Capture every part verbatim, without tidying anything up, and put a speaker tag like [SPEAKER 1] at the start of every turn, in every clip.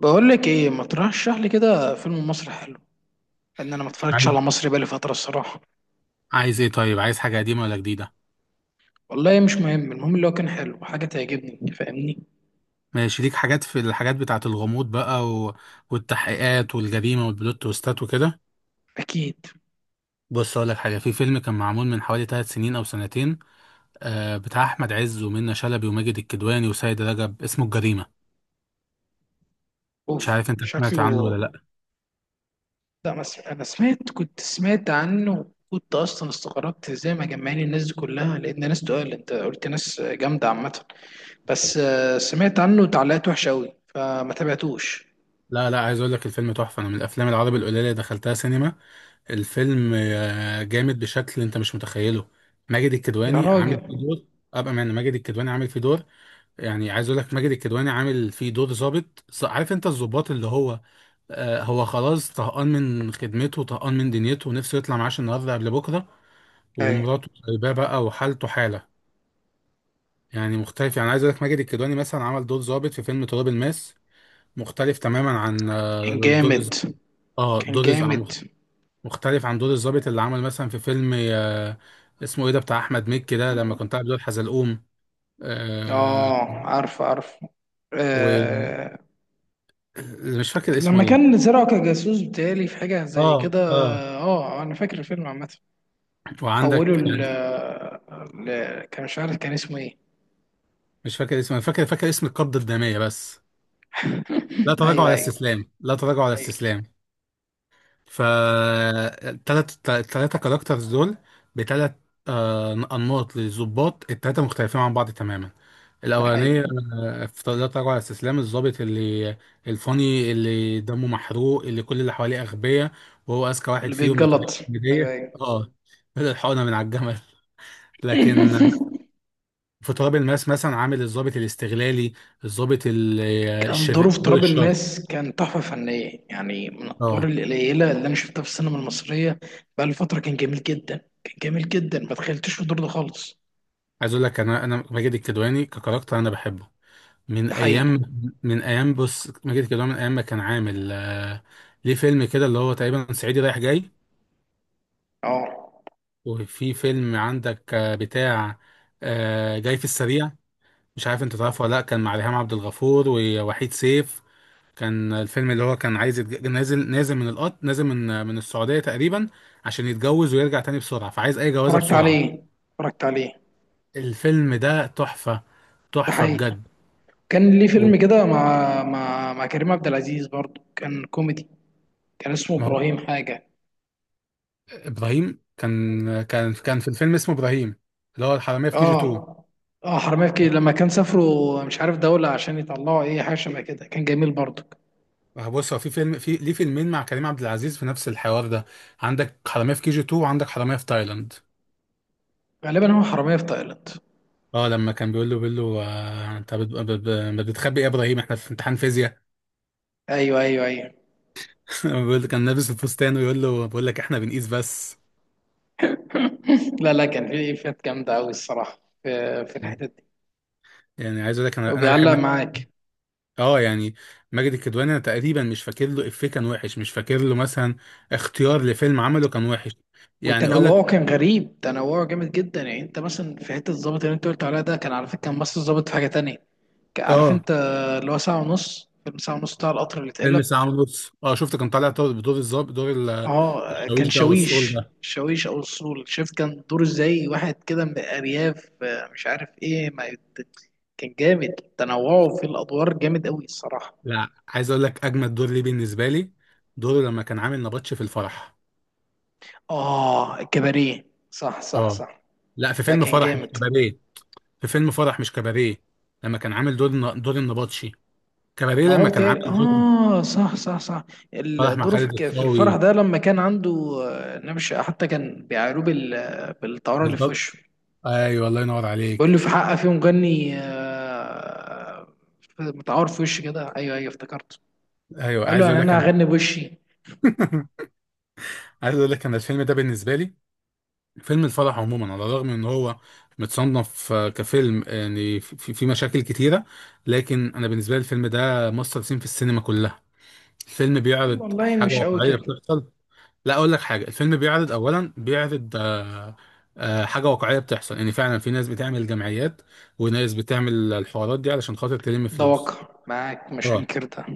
[SPEAKER 1] بقول لك ايه، ما ترشح لي كده فيلم مصري حلو؟ لان انا ما اتفرجتش
[SPEAKER 2] عايز
[SPEAKER 1] على مصري بقالي فتره الصراحه.
[SPEAKER 2] عايز ايه؟ طيب، عايز حاجة قديمة ولا جديدة؟
[SPEAKER 1] والله مش مهم، المهم اللي هو كان حلو، حاجه تعجبني. فاهمني.
[SPEAKER 2] ماشي. ليك حاجات في الحاجات بتاعة الغموض بقى و... والتحقيقات والجريمة والبلوت تويستات وكده.
[SPEAKER 1] اكيد.
[SPEAKER 2] بص، اقول لك حاجة. في فيلم كان معمول من حوالي ثلاث سنين او سنتين، آه بتاع احمد عز ومنة شلبي وماجد الكدواني وسيد رجب، اسمه الجريمة. مش
[SPEAKER 1] اوف،
[SPEAKER 2] عارف انت سمعت عنه
[SPEAKER 1] شكله.
[SPEAKER 2] ولا لا؟
[SPEAKER 1] لا، ما س- انا سمعت، كنت سمعت عنه. كنت اصلا استغربت ازاي ما جمعني الناس دي كلها، لان ناس تقال انت قلت ناس جامده عامه. بس آه، سمعت عنه تعليقات وحشه قوي فما تابعتوش.
[SPEAKER 2] لا، لا، عايز اقول لك الفيلم تحفة. انا من الافلام العربي القليلة اللي دخلتها سينما. الفيلم آه جامد بشكل انت مش متخيله. ماجد
[SPEAKER 1] يا
[SPEAKER 2] الكدواني عامل
[SPEAKER 1] راجل.
[SPEAKER 2] فيه دور. ابقى معنى ماجد الكدواني عامل فيه دور. يعني عايز اقول لك ماجد الكدواني عامل فيه دور ظابط، ص- عارف انت الظباط اللي هو، آه هو خلاص طهقان، من خدمته، طهقان من دنيته، ونفسه يطلع معاش النهارده قبل بكره،
[SPEAKER 1] ايوه.
[SPEAKER 2] ومراته سايباه بقى، وحالته حاله. يعني مختلف. يعني عايز اقول لك ماجد الكدواني مثلا عمل دور ظابط في فيلم تراب الماس، مختلف تماما عن
[SPEAKER 1] كان
[SPEAKER 2] آه، دور الز-
[SPEAKER 1] جامد.
[SPEAKER 2] اه،
[SPEAKER 1] كان
[SPEAKER 2] دور الز- عن-
[SPEAKER 1] جامد.
[SPEAKER 2] مختلف عن دور الظابط اللي عمل مثلا في فيلم، آه اسمه ايه ده؟ بتاع احمد مكي ده لما كنت عامل دور حزلقوم. آه.
[SPEAKER 1] اه، عارف عارف. آه.
[SPEAKER 2] ومش فاكر اسمه
[SPEAKER 1] لما
[SPEAKER 2] ايه.
[SPEAKER 1] كان زرعه كجاسوس، بتهيألي في حاجة زي
[SPEAKER 2] اه،
[SPEAKER 1] كده.
[SPEAKER 2] اه.
[SPEAKER 1] اه، انا فاكر الفيلم عامة. حولوا
[SPEAKER 2] وعندك
[SPEAKER 1] ل
[SPEAKER 2] يعني.
[SPEAKER 1] ل- كان مش عارف كان اسمه ايه.
[SPEAKER 2] مش فاكر اسمه، انا فاكر فاكر اسم القبضه الداميه بس. لا تراجع
[SPEAKER 1] ايوه
[SPEAKER 2] على
[SPEAKER 1] ايوه
[SPEAKER 2] استسلام، لا تراجع على
[SPEAKER 1] ايوه.
[SPEAKER 2] استسلام. ف تلات التلاتة كاركترز دول، بتلات، آه، أنماط للضباط التلاتة مختلفين عن بعض تماما.
[SPEAKER 1] ده
[SPEAKER 2] الأولانية،
[SPEAKER 1] حقيقي.
[SPEAKER 2] آه، في لا تراجع على استسلام، الضابط اللي الفاني، اللي دمه محروق، اللي كل اللي حواليه أغبياء، وهو أذكى واحد
[SPEAKER 1] اللي
[SPEAKER 2] فيهم
[SPEAKER 1] بيتجلط.
[SPEAKER 2] بطريقة
[SPEAKER 1] ايوه
[SPEAKER 2] كوميدية،
[SPEAKER 1] ايوه.
[SPEAKER 2] اه. بدأ الحقنة من على الجمل. لكن في تراب الماس مثلا عامل الضابط الاستغلالي، الضابط ال-
[SPEAKER 1] كان
[SPEAKER 2] الشر،
[SPEAKER 1] دوره في
[SPEAKER 2] دور
[SPEAKER 1] تراب
[SPEAKER 2] الشر.
[SPEAKER 1] الماس كان تحفة فنية، يعني من الأدوار
[SPEAKER 2] اه،
[SPEAKER 1] القليلة اللي أنا شفتها في السينما المصرية بقالي فترة. كان جميل جدا، كان جميل جدا. ما تخيلتش في الدور ده خالص.
[SPEAKER 2] عايز اقول لك انا، انا ماجد الكدواني ككاركتر انا بحبه. من
[SPEAKER 1] ده حقيقي.
[SPEAKER 2] ايام. من ايام، بص، ماجد الكدواني من ايام ما كان عامل آه، ليه فيلم كده اللي هو تقريبا صعيدي رايح جاي.
[SPEAKER 1] اه.
[SPEAKER 2] وفي فيلم عندك آه، بتاع آه، جاي في السريع. مش عارف انت تعرفه ولا لا. كان مع ريهام عبد الغفور ووحيد سيف. كان الفيلم اللي هو كان عايز يتج... نازل، نازل من القط، نازل من من السعودية تقريبا، عشان يتجوز ويرجع تاني بسرعة، فعايز أي جوازة
[SPEAKER 1] اتفرجت
[SPEAKER 2] بسرعة.
[SPEAKER 1] عليه، اتفرجت عليه.
[SPEAKER 2] الفيلم ده تحفة.
[SPEAKER 1] ده
[SPEAKER 2] تحفة
[SPEAKER 1] حقيقي.
[SPEAKER 2] بجد.
[SPEAKER 1] كان ليه
[SPEAKER 2] و-
[SPEAKER 1] فيلم كده مع، مع مع كريم عبد العزيز برضه، كان كوميدي. كان اسمه
[SPEAKER 2] ما هو،
[SPEAKER 1] ابراهيم حاجه.
[SPEAKER 2] إبراهيم كان كان كان في الفيلم اسمه إبراهيم، اللي هو الحرامية في كي جي اتنين.
[SPEAKER 1] اه اه. حرامية في كي- لما كان سافروا مش عارف دولة عشان يطلعوا ايه، حاجة شبه كده، كان جميل برضه.
[SPEAKER 2] بص، هو في فيلم، في ليه فيلمين مع كريم عبد العزيز في نفس الحوار ده. عندك حرامية في كي جي اتنين، وعندك حرامية في تايلاند.
[SPEAKER 1] غالبا هو حرامية في تايلاند.
[SPEAKER 2] اه، لما كان بيقول له بيقول له آه، انت بت- بت- بت- بتخبي ايه يا ابراهيم؟ احنا في امتحان فيزياء.
[SPEAKER 1] ايوه ايوه ايوه.
[SPEAKER 2] بيقول، كان لابس الفستان، ويقول له بقول لك احنا بنقيس بس.
[SPEAKER 1] لا لا، كان في فات جامدة أوي الصراحة، في في الحتت دي.
[SPEAKER 2] يعني عايز اقول لك انا، انا بحب
[SPEAKER 1] وبيعلق
[SPEAKER 2] ماجد.
[SPEAKER 1] معاك.
[SPEAKER 2] اه يعني، ماجد الكدواني انا تقريبا مش فاكر له افيه كان وحش، مش فاكر له مثلا اختيار لفيلم عمله كان وحش. يعني اقول
[SPEAKER 1] وتنوعه
[SPEAKER 2] لك.
[SPEAKER 1] كان غريب، تنوعه جامد جدا. يعني انت مثلا في حته الظابط اللي انت قلت عليها ده، كان على فكره كان ممثل ظابط في حاجه تانية. كان- عارف
[SPEAKER 2] اه،
[SPEAKER 1] انت، اللي هو ساعه ونص، فيلم ساعه ونص بتاع القطر اللي اتقلب.
[SPEAKER 2] فيلم ساعة ونص، اه شفت كان طالع طو- بدور الظابط، دور ال-
[SPEAKER 1] اه، كان
[SPEAKER 2] الشاويش ده او السول
[SPEAKER 1] شاويش،
[SPEAKER 2] ده.
[SPEAKER 1] شاويش او الصول. شايف كان دوره ازاي؟ واحد كده من الارياف، آه، مش عارف ايه ما يت- كان جامد. تنوعه في الادوار جامد قوي الصراحه.
[SPEAKER 2] لا، عايز اقول لك اجمد دور ليه بالنسبه لي، دوره لما كان عامل نبطش في الفرح.
[SPEAKER 1] اه الكباريه. صح صح
[SPEAKER 2] اه.
[SPEAKER 1] صح.
[SPEAKER 2] لا، في
[SPEAKER 1] ده
[SPEAKER 2] فيلم
[SPEAKER 1] كان
[SPEAKER 2] فرح مش
[SPEAKER 1] جامد.
[SPEAKER 2] كباريه. في فيلم فرح مش كباريه. لما كان عامل دور الن- دور النبطشي. كباريه
[SPEAKER 1] ما هو
[SPEAKER 2] لما كان عامل
[SPEAKER 1] بتاعي.
[SPEAKER 2] دور
[SPEAKER 1] اه صح صح صح.
[SPEAKER 2] فرح مع
[SPEAKER 1] الدور في
[SPEAKER 2] خالد
[SPEAKER 1] الك- في الفرح
[SPEAKER 2] الصاوي.
[SPEAKER 1] ده، لما كان عنده آه، نبش، حتى كان بيعايروه بال... بالتعور اللي في
[SPEAKER 2] بالظبط.
[SPEAKER 1] وشه.
[SPEAKER 2] ايوه، الله ينور
[SPEAKER 1] بيقول
[SPEAKER 2] عليك.
[SPEAKER 1] له في حق، في مغني آه، في- متعور في وشي كده. ايوه ايوه افتكرته.
[SPEAKER 2] ايوه،
[SPEAKER 1] قال له
[SPEAKER 2] عايز
[SPEAKER 1] يعني
[SPEAKER 2] اقول لك
[SPEAKER 1] انا
[SPEAKER 2] انا.
[SPEAKER 1] هغني بوشي.
[SPEAKER 2] عايز اقول لك انا الفيلم ده بالنسبه لي، فيلم الفرح عموما، على الرغم ان هو متصنف آه، كفيلم، يعني في في مشاكل كتيره، لكن انا بالنسبه لي الفيلم ده ماستر سين في السينما كلها. الفيلم بيعرض
[SPEAKER 1] والله
[SPEAKER 2] حاجه
[SPEAKER 1] مش قوي
[SPEAKER 2] واقعيه
[SPEAKER 1] كده.
[SPEAKER 2] بتحصل. لا، اقول لك حاجه. الفيلم بيعرض اولا، بيعرض آه، آه، حاجه واقعيه بتحصل، ان فعلا في ناس بتعمل جمعيات، وناس بتعمل الحوارات دي علشان خاطر تلم
[SPEAKER 1] ده
[SPEAKER 2] فلوس.
[SPEAKER 1] واقع معاك، مش
[SPEAKER 2] اه،
[SPEAKER 1] هنكر ده.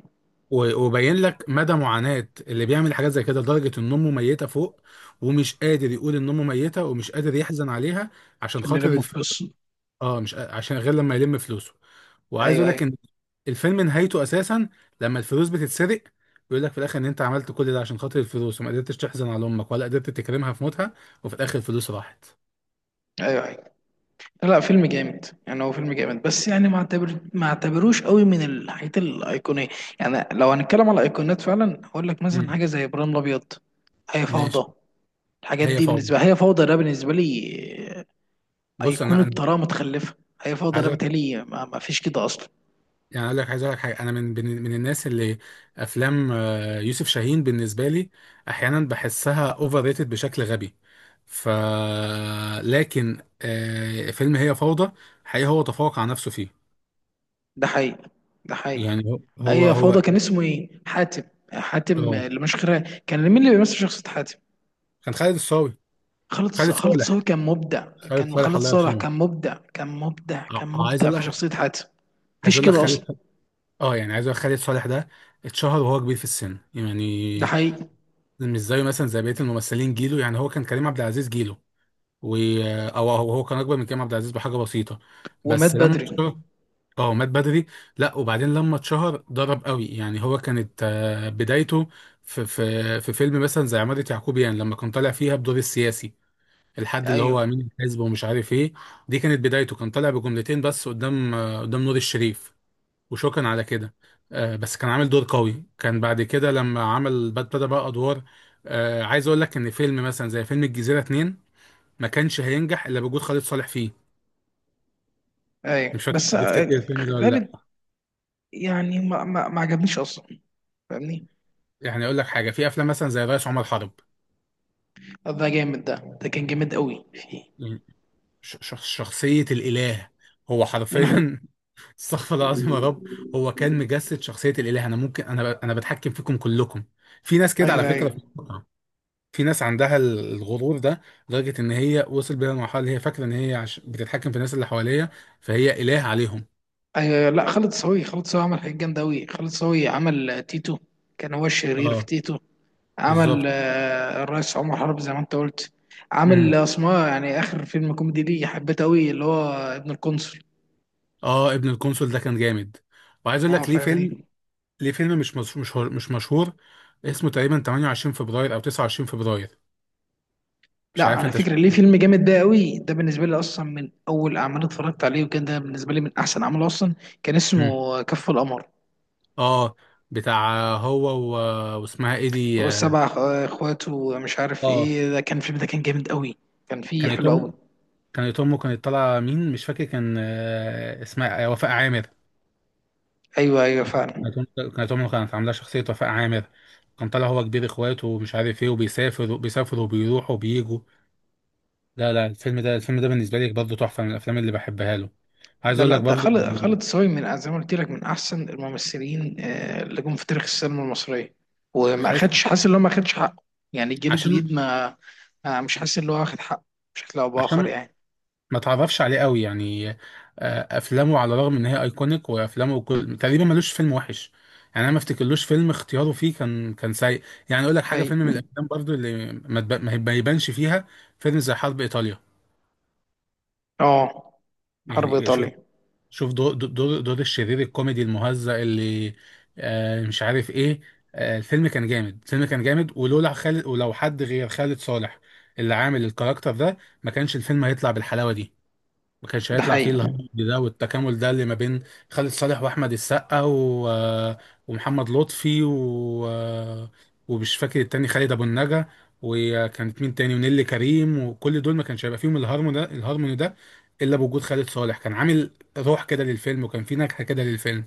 [SPEAKER 2] و- وبين لك مدى معاناة اللي بيعمل حاجات زي كده، لدرجة ان امه ميتة فوق، ومش قادر يقول ان امه ميتة، ومش قادر يحزن عليها عشان
[SPEAKER 1] عشان
[SPEAKER 2] خاطر
[SPEAKER 1] نلم
[SPEAKER 2] الفلوس.
[SPEAKER 1] فلوس.
[SPEAKER 2] اه، مش قا- عشان غير لما يلم فلوسه. وعايز
[SPEAKER 1] ايوه
[SPEAKER 2] اقول
[SPEAKER 1] ايوه
[SPEAKER 2] لك ان الفيلم نهايته اساسا، لما الفلوس بتتسرق، بيقول لك في الاخر ان انت عملت كل ده عشان خاطر الفلوس، وما قدرتش تحزن على امك، ولا قدرت تكرمها في موتها. وفي الاخر الفلوس راحت.
[SPEAKER 1] ايوه أيوه. لا فيلم جامد، يعني هو فيلم جامد، بس يعني ما اعتبر، ما اعتبروش قوي من الحاجات الايقونيه. يعني لو هنتكلم على ايقونات فعلا، هقول لك مثلا
[SPEAKER 2] امم.
[SPEAKER 1] حاجه زي ابراهيم الابيض، هي
[SPEAKER 2] ماشي.
[SPEAKER 1] فوضى. الحاجات
[SPEAKER 2] هي
[SPEAKER 1] دي
[SPEAKER 2] فوري.
[SPEAKER 1] بالنسبه، هي فوضى ده بالنسبه لي
[SPEAKER 2] بص،
[SPEAKER 1] ايقونه
[SPEAKER 2] انا انا
[SPEAKER 1] بطريقه متخلفه. هي فوضى ده
[SPEAKER 2] عايز،
[SPEAKER 1] بتهيألي ما, ما فيش كده اصلا.
[SPEAKER 2] يعني اقول لك، عايز اقول لك حاجه، انا من من من الناس اللي افلام آه، يوسف شاهين بالنسبه لي احيانا بحسها اوفر ريتد بشكل غبي. ف لكن آه، فيلم هي فوضى، حقيقي هو تفوق على نفسه فيه.
[SPEAKER 1] ده حقيقي. ده حقيقي.
[SPEAKER 2] يعني، هو هو
[SPEAKER 1] هي فوضى،
[SPEAKER 2] هو
[SPEAKER 1] كان اسمه ايه؟ حاتم. حاتم
[SPEAKER 2] اه،
[SPEAKER 1] اللي مش خير. كان مين اللي بيمثل شخصيه حاتم؟
[SPEAKER 2] كان خالد الصاوي.
[SPEAKER 1] خالد ص-
[SPEAKER 2] خالد
[SPEAKER 1] خالد
[SPEAKER 2] صالح
[SPEAKER 1] صاوي كان مبدع.
[SPEAKER 2] خالد
[SPEAKER 1] كان
[SPEAKER 2] صالح
[SPEAKER 1] خالد
[SPEAKER 2] الله
[SPEAKER 1] صالح،
[SPEAKER 2] يرحمه.
[SPEAKER 1] كان مبدع كان مبدع
[SPEAKER 2] آه،
[SPEAKER 1] كان
[SPEAKER 2] آه، عايز
[SPEAKER 1] مبدع
[SPEAKER 2] اقول
[SPEAKER 1] في
[SPEAKER 2] لك،
[SPEAKER 1] شخصيه حاتم.
[SPEAKER 2] عايز
[SPEAKER 1] مفيش
[SPEAKER 2] اقول لك
[SPEAKER 1] كده اصلا.
[SPEAKER 2] خالد. اه يعني، عايز اقول لك خالد صالح ده اتشهر وهو كبير في السن
[SPEAKER 1] ده
[SPEAKER 2] يعني،
[SPEAKER 1] حقيقي.
[SPEAKER 2] مش زيه مثلا زي بقيه الممثلين جيله. يعني هو كان كريم عبد العزيز جيله، و او هو هو كان اكبر من كريم عبد العزيز بحاجه بسيطه.
[SPEAKER 1] ومات
[SPEAKER 2] بس لما مات
[SPEAKER 1] بدري.
[SPEAKER 2] اتشهر. اه، مات بدري. لا، وبعدين لما اتشهر ضرب قوي. يعني هو كانت آه، بدايته في في في فيلم مثلا زي عماده يعقوبيان لما كان طالع فيها بدور السياسي، الحد اللي
[SPEAKER 1] ايوه
[SPEAKER 2] هو امين الحزب ومش عارف ايه. دي كانت بدايته، كان طالع بجملتين بس قدام، آه، قدام نور الشريف، وشكرا على كده. آه، بس كان عامل دور قوي، كان بعد كده لما عمل بد- بدأ بقى ادوار. آه، عايز اقول لك ان فيلم مثلا زي فيلم الجزيره اتنين، ما كانش هينجح الا بوجود خالد صالح فيه.
[SPEAKER 1] ايوه.
[SPEAKER 2] مش فاكر،
[SPEAKER 1] بس
[SPEAKER 2] انت
[SPEAKER 1] آه،
[SPEAKER 2] تفتكر الفيلم ده ولا
[SPEAKER 1] خالد
[SPEAKER 2] لا؟
[SPEAKER 1] يعني ما ما, ما عجبنيش اصلا، فاهمني.
[SPEAKER 2] يعني اقول لك حاجه، في افلام مثلا زي الريس عمر حرب،
[SPEAKER 1] ده جامد ده، ده كان جامد قوي فيه.
[SPEAKER 2] يعني، ش- شخ- شخصيه الاله. هو حرفيا، استغفر الله العظيم يا رب، هو كان مجسد شخصيه الاله. انا ممكن، انا ب- انا بتحكم فيكم كلكم. في ناس كده على
[SPEAKER 1] ايوه
[SPEAKER 2] فكره في
[SPEAKER 1] ايوه
[SPEAKER 2] الواقع. في ناس عندها ال- الغرور ده، لدرجه ان هي وصل بيها لمرحله اللي هي فاكره ان هي عش... بتتحكم في الناس اللي حواليها، فهي اله عليهم.
[SPEAKER 1] ايوه. لا، خالد صاوي خالد صاوي عمل حاجات جامده قوي. خالد صاوي عمل آه، تيتو، كان هو الشرير في
[SPEAKER 2] اه،
[SPEAKER 1] تيتو.
[SPEAKER 2] بالظبط.
[SPEAKER 1] عمل آه، الرئيس عمر حرب زي ما انت قلت. عامل
[SPEAKER 2] امم.
[SPEAKER 1] اسمها يعني، اخر فيلم كوميدي ليه حبيته قوي، اللي هو ابن القنصل.
[SPEAKER 2] اه، ابن القنصل ده كان جامد. وعايز اقول
[SPEAKER 1] اه،
[SPEAKER 2] لك ليه فيلم،
[SPEAKER 1] فاهمني.
[SPEAKER 2] ليه فيلم مش مشهور، مش هو- مش مشهور، اسمه تقريبا تمنية وعشرين فبراير او تسعة وعشرين فبراير.
[SPEAKER 1] لا
[SPEAKER 2] مش عارف
[SPEAKER 1] على
[SPEAKER 2] انت
[SPEAKER 1] فكرة، ليه
[SPEAKER 2] شفته.
[SPEAKER 1] فيلم جامد ده قوي. ده بالنسبة لي أصلا من أول أعمال اتفرجت عليه، وكان ده بالنسبة لي من أحسن أعمال أصلا. كان
[SPEAKER 2] امم.
[SPEAKER 1] اسمه كف القمر.
[SPEAKER 2] اه، بتاع هو و... واسمها ايه دي.
[SPEAKER 1] والسبع أخ- إخوات ومش عارف
[SPEAKER 2] اه،
[SPEAKER 1] إيه. ده كان الفيلم ده كان جامد قوي، كان فيه
[SPEAKER 2] كانت
[SPEAKER 1] حلو قوي.
[SPEAKER 2] ام كانت امه كانت طالعه مين مش فاكر، كان آه، اسمها آه، وفاء عامر.
[SPEAKER 1] أيوه أيوه فعلا.
[SPEAKER 2] كانت أم- كانت امه كانت عامله شخصيه وفاء عامر. كان طالع هو كبير اخواته ومش عارف ايه، وبيسافر بيسافر وبيروح وبيجوا. لا، لا، الفيلم ده الفيلم ده بالنسبه لي برضه تحفه، من الافلام اللي بحبها له. عايز
[SPEAKER 1] لا
[SPEAKER 2] اقول
[SPEAKER 1] لا،
[SPEAKER 2] لك
[SPEAKER 1] ده
[SPEAKER 2] برضه.
[SPEAKER 1] خالد، خالد الصاوي من زي ما قلت لك، من أحسن الممثلين آه، اللي جم في تاريخ السينما المصرية. وما أخدش،
[SPEAKER 2] خالد،
[SPEAKER 1] حاسس إن هو ما أخدش حقه. يعني الجيل الجديد
[SPEAKER 2] عشان
[SPEAKER 1] ما ما- مش حاسس إن هو واخد حقه بشكل أو بآخر
[SPEAKER 2] عشان
[SPEAKER 1] يعني.
[SPEAKER 2] ما تعرفش عليه قوي يعني، آه، افلامه على الرغم ان هي ايكونيك، وافلامه كل... تقريبا ملوش فيلم وحش. يعني انا ما افتكرلوش فيلم اختياره فيه كان كان سيء. يعني اقول لك حاجه،
[SPEAKER 1] أي.
[SPEAKER 2] فيلم من الافلام برضو اللي ما, تب... ما ما يبانش فيها، فيلم زي حرب ايطاليا.
[SPEAKER 1] أه حرب
[SPEAKER 2] يعني شوف،
[SPEAKER 1] إيطاليا.
[SPEAKER 2] شوف دور دور دور الشرير الكوميدي المهزأ اللي آه مش عارف ايه. آه الفيلم كان جامد، الفيلم كان جامد، ولولا خالد، ولو حد غير خالد صالح اللي عامل الكاركتر ده، ما كانش الفيلم هيطلع بالحلاوه دي. ما كانش
[SPEAKER 1] ده
[SPEAKER 2] هيطلع فيه
[SPEAKER 1] حقيقي.
[SPEAKER 2] الهبل ده والتكامل ده اللي ما بين خالد صالح واحمد السقا و... ومحمد لطفي و... ومش فاكر التاني، خالد ابو النجا، وكانت مين تاني؟ ونيلي كريم. وكل دول ما كانش هيبقى فيهم الهارمون ده، الهارمون ده الا بوجود خالد صالح. كان عامل روح كده للفيلم، وكان في نكهه كده للفيلم.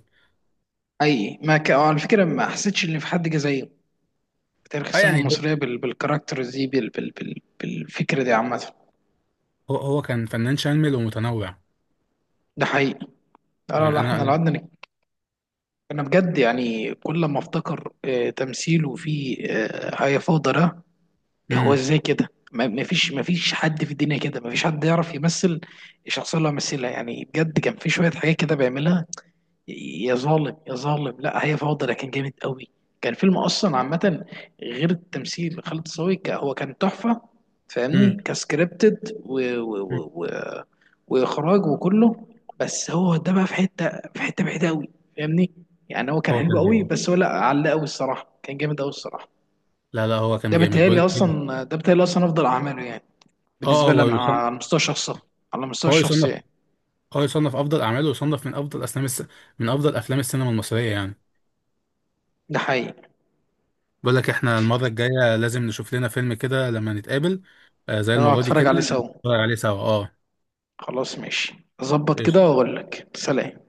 [SPEAKER 1] اي، ما ك... على فكره ما حسيتش ان في حد جه زيه في تاريخ
[SPEAKER 2] اه
[SPEAKER 1] السينما
[SPEAKER 2] يعني،
[SPEAKER 1] المصريه
[SPEAKER 2] هو
[SPEAKER 1] بال... بالكاركتر دي، بال... بال... بال... بالفكره دي عامه.
[SPEAKER 2] هو هو كان فنان شامل ومتنوع.
[SPEAKER 1] ده حقيقي. لا لا لا،
[SPEAKER 2] يعني، انا
[SPEAKER 1] احنا لو
[SPEAKER 2] انا
[SPEAKER 1] قعدنا نك- انا بجد يعني كل ما افتكر آه، تمثيله في آه، هيا فوضى ده، هو
[SPEAKER 2] امم.
[SPEAKER 1] ازاي كده؟ ما ما فيش ما فيش حد في الدنيا كده، ما فيش حد يعرف يمثل الشخصيه اللي هو مثلها. يعني بجد كان في شويه حاجات كده بيعملها، يا ظالم يا ظالم. لا هي فوضى لكن جامد قوي، كان فيلم اصلا عامه. غير التمثيل خالد صاوي، ك- هو كان تحفه.
[SPEAKER 2] امم.
[SPEAKER 1] فاهمني، كسكريبتد و... و... و... و... واخراج وكله. بس هو ده بقى في حته، في حته بعيده قوي، فاهمني. يعني هو كان
[SPEAKER 2] هو
[SPEAKER 1] حلو
[SPEAKER 2] كان
[SPEAKER 1] قوي،
[SPEAKER 2] جامد.
[SPEAKER 1] بس هو لا علق قوي الصراحه، كان جامد قوي الصراحه.
[SPEAKER 2] لا، لا، هو
[SPEAKER 1] ده
[SPEAKER 2] كان جامد، بقول
[SPEAKER 1] بيتهيألي
[SPEAKER 2] لك إيه،
[SPEAKER 1] اصلا، ده بيتهيألي اصلا افضل اعماله يعني
[SPEAKER 2] اه آه،
[SPEAKER 1] بالنسبه لي
[SPEAKER 2] هو
[SPEAKER 1] انا
[SPEAKER 2] يصنف،
[SPEAKER 1] على المستوى الشخصي، على المستوى
[SPEAKER 2] هو
[SPEAKER 1] الشخصي
[SPEAKER 2] يصنف.
[SPEAKER 1] يعني.
[SPEAKER 2] اه، يصنف افضل اعماله، ويصنف من افضل افلام الس... من افضل افلام السينما المصريه يعني.
[SPEAKER 1] ده حقيقي.
[SPEAKER 2] بقول لك، احنا المره الجايه لازم نشوف لنا فيلم كده لما نتقابل، آه زي
[SPEAKER 1] انا
[SPEAKER 2] المره دي
[SPEAKER 1] اتفرج
[SPEAKER 2] كده
[SPEAKER 1] عليه سوا.
[SPEAKER 2] نتفرج عليه سوا، اه.
[SPEAKER 1] خلاص ماشي. اظبط كده
[SPEAKER 2] ايش؟
[SPEAKER 1] واقول لك سلام.